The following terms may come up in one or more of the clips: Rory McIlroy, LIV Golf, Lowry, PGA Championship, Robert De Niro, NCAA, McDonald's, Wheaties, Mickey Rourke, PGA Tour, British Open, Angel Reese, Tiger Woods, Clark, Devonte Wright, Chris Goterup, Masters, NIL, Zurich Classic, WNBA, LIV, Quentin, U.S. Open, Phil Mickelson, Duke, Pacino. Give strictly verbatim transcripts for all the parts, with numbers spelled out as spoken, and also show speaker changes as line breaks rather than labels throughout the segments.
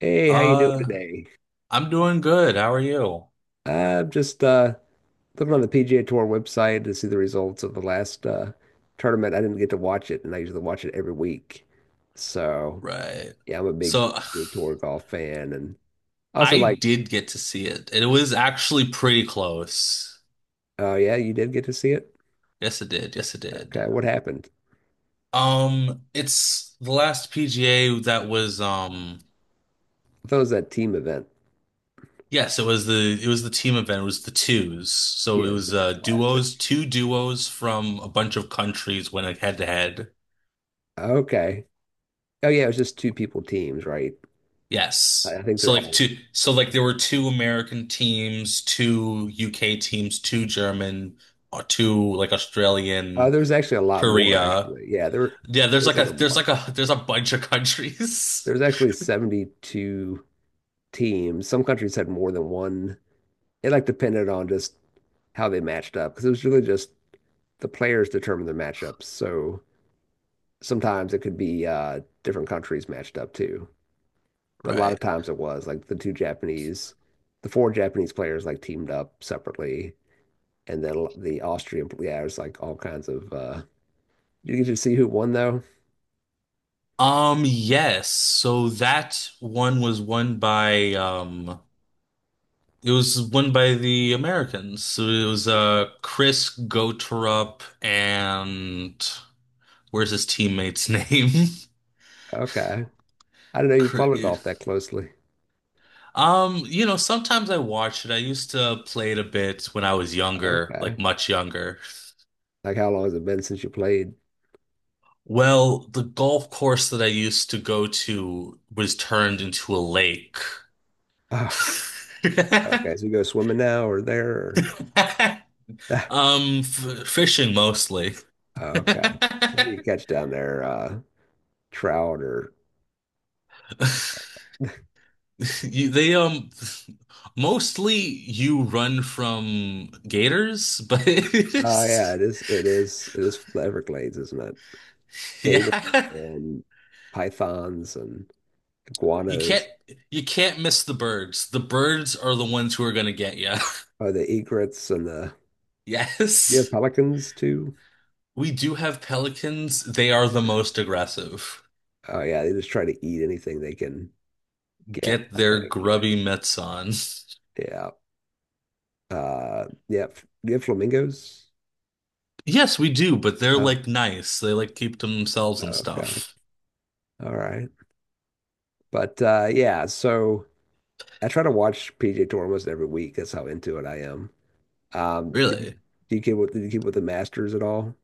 Hey, how you doing
Uh,
today?
I'm doing good. How are you?
I'm just uh looking on the P G A Tour website to see the results of the last uh tournament. I didn't get to watch it, and I usually watch it every week. So
Right.
yeah, I'm a big
So
P G A Tour golf fan, and also
I
like,
did get to see it. It was actually pretty close.
oh yeah, you did get to see it?
Yes, it did. Yes, it did.
Okay, what happened?
Um, it's the last P G A that was um
I thought it was that team event.
yes, it was the it was the team event. It was the twos. So it
Yeah,
was
Zurich
uh
Classic.
duos, two duos from a bunch of countries went head to head.
Okay. Oh yeah, it was just two people teams, right? I
Yes.
I think
So
they're
like
all.
two, so like there were two American teams, two U K teams, two German, or two like
Uh,
Australian,
there's actually a lot more,
Korea.
actually. Yeah, there,
Yeah, there's
there's
like
like a
a there's
bunch.
like a there's a bunch of countries.
There's actually seventy-two teams. Some countries had more than one. It like depended on just how they matched up because it was really just the players determined the matchups. So sometimes it could be uh, different countries matched up too. But a lot of
Right.
times it was like the two Japanese, the four Japanese players like teamed up separately, and then the Austrian, yeah, it was like all kinds of. Uh, did you get to see who won though?
Um, yes. So that one was won by um it was won by the Americans. So it was
Yeah.
uh Chris Goterup and where's his teammate's name?
Okay. I didn't know you followed
Chri-
golf that closely.
Um, you know, sometimes I watch it. I used to play it a bit when I was younger,
Okay.
like much younger.
Like how long has it been since you played?
Well, the golf course that I used to go to was turned into a lake.
Oh, okay. So you go swimming now, or there? Or.
Um, f Fishing mostly.
Okay. What do you catch down there? Uh, trout? Or
You, they um Mostly you run from gators, but
oh yeah, it is it is it is the Everglades, isn't it?
yeah.
Gators and pythons and
You can't
iguanas.
you can't miss the birds. The birds are the ones who are going to get you.
Oh, the egrets and the you have
Yes.
pelicans too.
We do have pelicans. They are the most aggressive.
Oh yeah, they just try to eat anything they can get,
Get
I
their
think. Yeah.
grubby mitts on.
Yeah. Uh yeah. f- Do you have flamingos?
Yes, we do, but they're
Oh,
like nice. They like keep to themselves and
okay.
stuff.
All right. But uh yeah, so I try to watch P J Tour almost every week. That's how into it I am. Um, did you,
Really?
do you keep with did you keep with the Masters at all?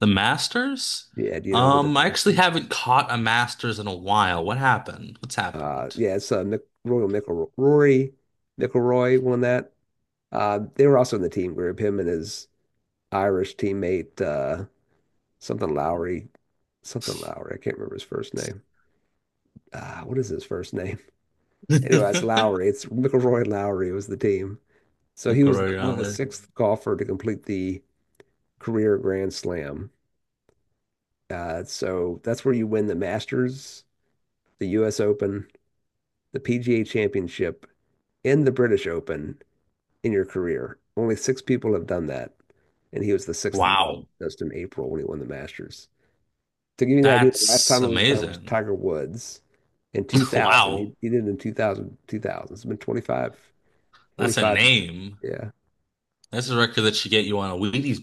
The Masters?
Yeah, do you know about the
Um, I actually
Masters?
haven't caught a Masters in a while. What happened? What's
Uh,
happened?
yeah, it's uh, Nick, Rory McIlroy, Rory McIlroy won that. Uh, they were also in the team group, him and his Irish teammate, uh, something Lowry, something Lowry. I can't remember his first name. Uh, what is his first name? Anyway, it's
The
Lowry. It's McIlroy Lowry was the team. So he was the, one of the
Coriolis.
sixth golfer to complete the career Grand Slam. Uh, so that's where you win the Masters, the U S. Open, the P G A Championship, and the British Open in your career. Only six people have done that. And he was the sixth one,
Wow.
just in April when he won the Masters. To give you an idea, the last
That's
time it was done was
amazing.
Tiger Woods in two thousand. He,
Wow.
he did it in two thousand, two thousand. It's been twenty-five,
That's a
twenty-five years.
name.
Yeah.
That's a record that should get you on a Wheaties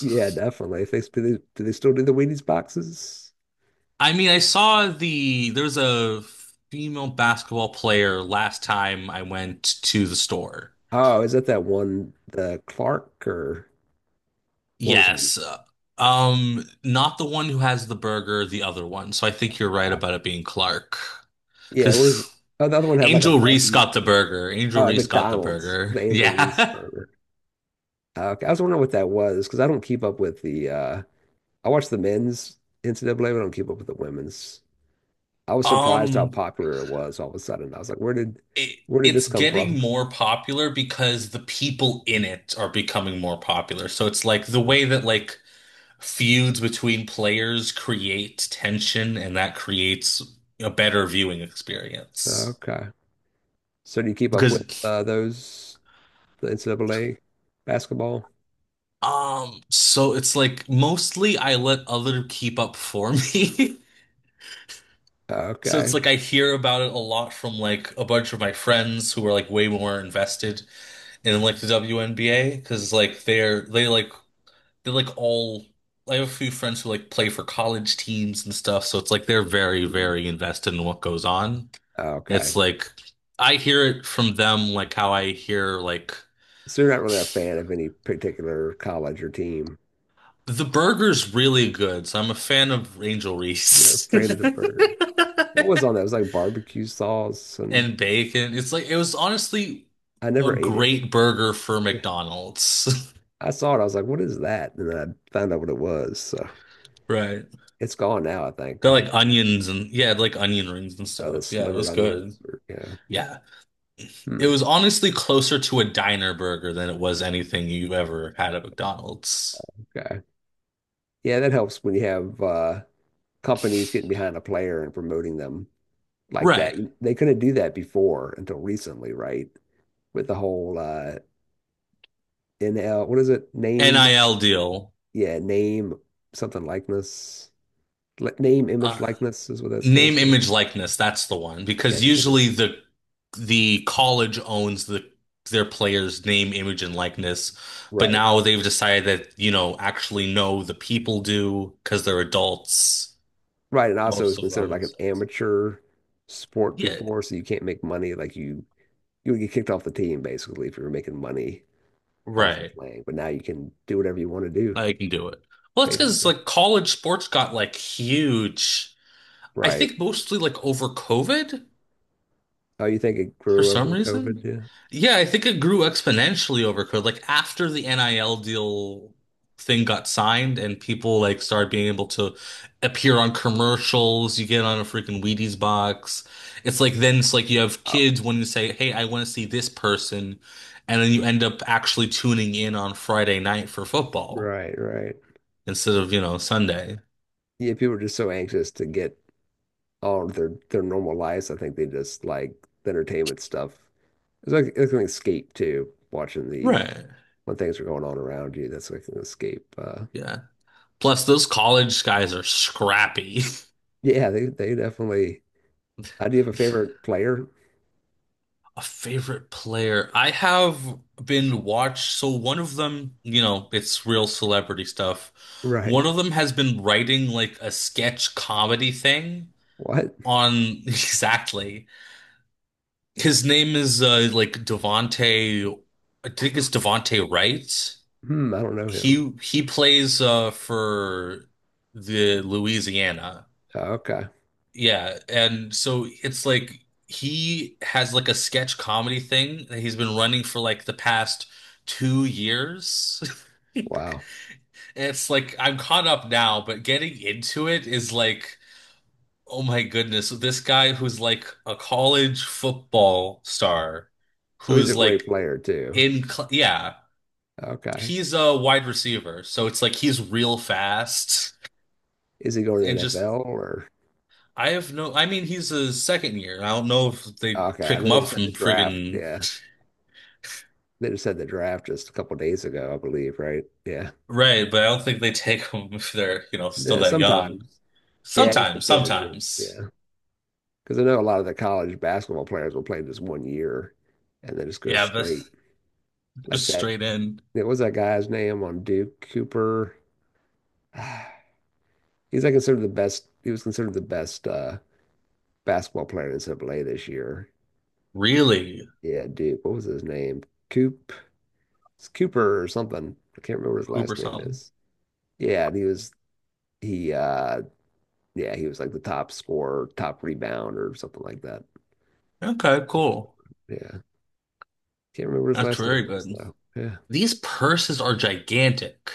Yeah, definitely. If they, do they, Do they still do the Wheaties boxes?
I mean, I saw the there was a female basketball player last time I went to the store.
Oh, is that that one, the Clark, or what was her?
Yes. Um, not the one who has the burger, the other one. So I think you're right
Uh,
about it being Clark.
yeah, what is
Because
oh, the other one had like a
Angel Reese
Marty.
got the burger. Angel
Oh, at
Reese got the
McDonald's,
burger.
the Angel Reese
Yeah.
burger. Uh, okay, I was wondering what that was because I don't keep up with the. Uh, I watch the men's N C A A, but I don't keep up with the women's. I was surprised how
Um,
popular it was all of a sudden. I was like, where did,
it
where did this
it's
come from?
getting more popular because the people in it are becoming more popular. So it's like the
Mm.
way that like feuds between players create tension and that creates a better viewing experience.
Okay, so do you keep up with
Because
uh, those the N C A A basketball?
um So it's like mostly I let other keep up for me. So it's
Okay.
like I hear about it a lot from like a bunch of my friends who are like way more invested in like the W N B A because like they're they like they're like all I have a few friends who like play for college teams and stuff, so it's like they're very,
Mm.
very invested in what goes on. It's
Okay.
like I hear it from them like how I hear like
So you're not really a fan of any particular college or team.
the burger's really good, so I'm a fan of Angel
You're a
Reese and
fan of the burger. What was on that? It was like barbecue sauce, and
bacon. It's like it was honestly
I
a
never ate it.
great burger for
Yeah.
McDonald's.
I saw it. I was like, what is that? And then I found out what it was. So
Right.
it's gone now, I think.
Got
I think
like onions and yeah, like onion rings and
uh, the
stuff. Yeah, it
slivered
was
onions
good.
or yeah.
Yeah. It
Hmm.
was honestly closer to a diner burger than it was anything you ever had at McDonald's.
Okay. Yeah, that helps when you have uh companies getting behind a player and promoting them like that.
Right.
They couldn't do that before until recently, right? With the whole uh N L, what is it? Name,
N I L deal.
yeah, name something likeness. Li- Name, image,
Uh,
likeness is what that stands
Name,
for.
image, likeness. That's the one
Yeah,
because
they can be
usually the the college owns the their players' name, image, and likeness. But
right.
now they've decided that, you know, actually no, the people do because they're adults,
Right, and also it was
most of
considered
them.
like an
So it's-
amateur sport
yeah,
before, so you can't make money. Like you, you would get kicked off the team basically if you were making money off of
right.
playing. But now you can do whatever you want to do,
I can do it. Well, it's because
basically.
like college sports got like huge. I
Right.
think mostly like over COVID
Oh, you think it
for
grew over
some
COVID?
reason.
Yeah.
Yeah, I think it grew exponentially over COVID. Like after the N I L deal thing got signed and people like started being able to appear on commercials, you get on a freaking Wheaties box. It's like then it's like you have
Oh,
kids wanting to say, "Hey, I want to see this person," and then you end up actually tuning in on Friday night for football
right, right.
instead of, you know, Sunday.
Yeah, people are just so anxious to get all of their their normal lives. I think they just like the entertainment stuff. It's like it's like an escape too, watching the
Right.
when things are going on around you. That's like an escape. Uh,
Yeah. Plus, those college guys are scrappy.
yeah, they they definitely. I Do you have a favorite player?
A favorite player. I have been watched. So one of them, you know, it's real celebrity stuff.
Right.
One of them has been writing like a sketch comedy thing
What?
on exactly. His name is uh, like Devonte. I think it's Devonte Wright.
Hmm, I don't know him.
He he plays uh, for the Louisiana.
Oh, okay.
Yeah, and so it's like he has like a sketch comedy thing that he's been running for like the past two years. And
Wow.
it's like I'm caught up now, but getting into it is like, oh my goodness, so this guy who's like a college football star,
So he's a
who's like
great player too.
in, cl yeah,
Okay.
he's a wide receiver, so it's like he's real fast
Is he going to
and
the
just
N F L? Or
I have no, I mean, he's a second year. I don't know if they
okay, I
pick
know
him
they
up
just had
from
the draft.
friggin'
Yeah. They just had the draft just a couple days ago, I believe, right? Yeah.
right, but I don't think they take him if they're, you know, still
Yeah,
that young.
sometimes. Yeah, it just
Sometimes,
depends. Yeah.
sometimes.
Yeah. Because I know a lot of the college basketball players will play just one year and then just go
Yeah,
straight
but
like
just
that.
straight in.
What was that guy's name on Duke? Cooper? He's like considered the best. He was considered the best uh, basketball player in N C A A this year.
Really?
Yeah, Duke. What was his name? Coop. It's Cooper or something. I can't remember what his
Hooper
last name
something.
is. Yeah, and he was he. uh Yeah, he was like the top scorer, top rebound, or something like that.
Okay, cool.
Yeah, can't remember what his
That's
last name
very
was
good.
though. Yeah,
These purses are gigantic.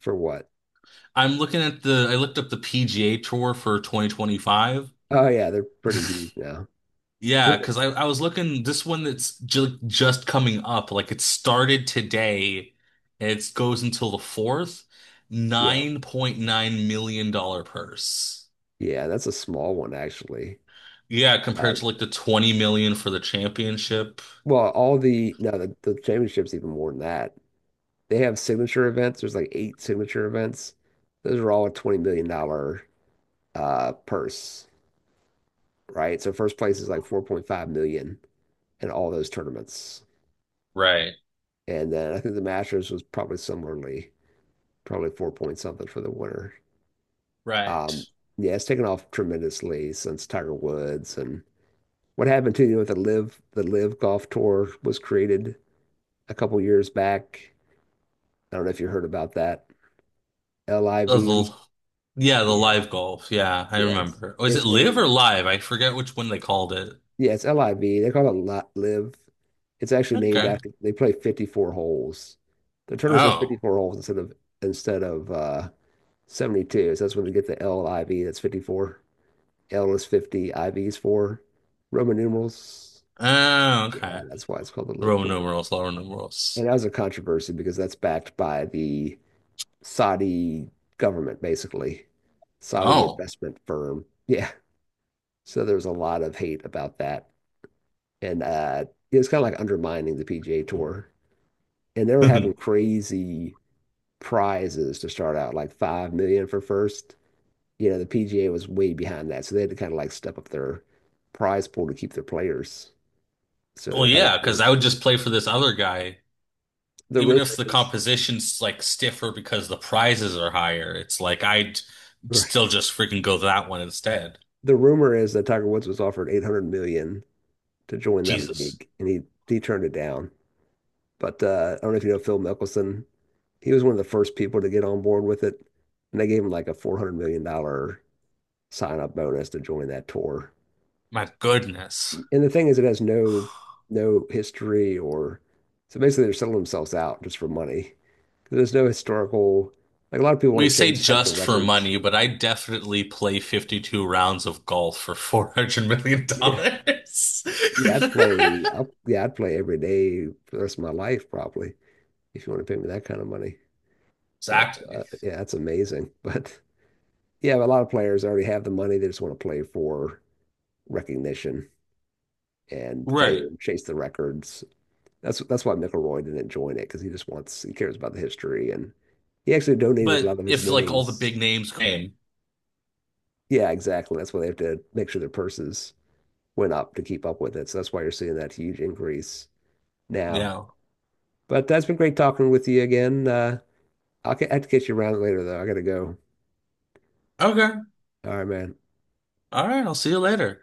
for what?
I'm looking at the, I looked up the P G A Tour for twenty twenty-five.
Oh yeah, they're pretty huge now. I
Yeah,
think- that-
because I, I was looking this one that's ju just coming up. Like it started today and it goes until the fourth.
Yeah,
nine point nine million dollars dollar purse.
yeah, that's a small one actually.
Yeah,
Uh,
compared to like the twenty million for the championship.
well, all the no, the, the championship's even more than that. They have signature events. There's like eight signature events. Those are all a twenty million dollar uh purse, right? So first place is like four point five million in all those tournaments.
Right,
And then I think the Masters was probably similarly, probably four point something for the winner.
right.
Um, yeah, it's taken off tremendously since Tiger Woods and what happened to you with the live the live golf tour was created a couple years back. I don't know if you heard about that. L I
Uh,
V.
the, yeah, the
Yeah,
live golf. Yeah, I
yeah. It's
remember. Oh, is it
it's
live
named
or live? I forget which one they called it.
Yeah, it's L I V. They call it Lot Live. It's actually named
Okay.
after they play fifty-four holes. The tournaments are
Oh.
fifty-four holes instead of instead of uh seventy-two. So that's when they get the L I V. That's fifty-four. L is fifty, I V is four. Roman numerals.
Oh, okay.
Yeah, that's why it's called the Live
Roman
Tour.
numerals, Roman
And
numerals.
that was a controversy because that's backed by the Saudi government, basically. Saudi
Oh.
investment firm. Yeah. So there's a lot of hate about that. And uh, it's kind of like undermining the P G A Tour. And they were having crazy prizes to start out, like five million for first. You know, the P G A was way behind that, so they had to kind of like step up their prize pool to keep their players. So they
Well,
were kind of
yeah, because I
forced
would
to.
just play for this other guy,
The
even if
rumor
the
is,
competition's like stiffer because the prizes are higher. It's like I'd
right,
still just freaking go that one instead.
the rumor is that Tiger Woods was offered eight hundred million to join that
Jesus,
league, and he he turned it down. But uh, I don't know if you know Phil Mickelson. He was one of the first people to get on board with it, and they gave him like a four hundred million dollar sign up bonus to join that tour.
my goodness.
And the thing is, it has no no history or so basically they're selling themselves out just for money. There's no historical like a lot of people want
We
to
say
chase like the
just for
records.
money, but I definitely play fifty-two rounds of golf for 400 million
Yeah,
dollars.
yeah, I'd play. I'll, yeah, I'd play every day for the rest of my life probably if you want to pay me that kind of money. But
Exactly.
uh, yeah, that's amazing. But yeah, a lot of players already have the money. They just want to play for recognition and
Right.
fame, chase the records. That's that's why McElroy didn't join it because he just wants he cares about the history, and he actually donated a
But
lot of his
if like all the big
winnings.
names came,
Yeah, exactly. That's why they have to make sure their purses went up to keep up with it. So that's why you're seeing that huge increase now.
yeah.
But that's been great talking with you again. Uh, I'll ca- i have to get you around later though. I gotta go.
Okay.
All right, man.
All right, I'll see you later.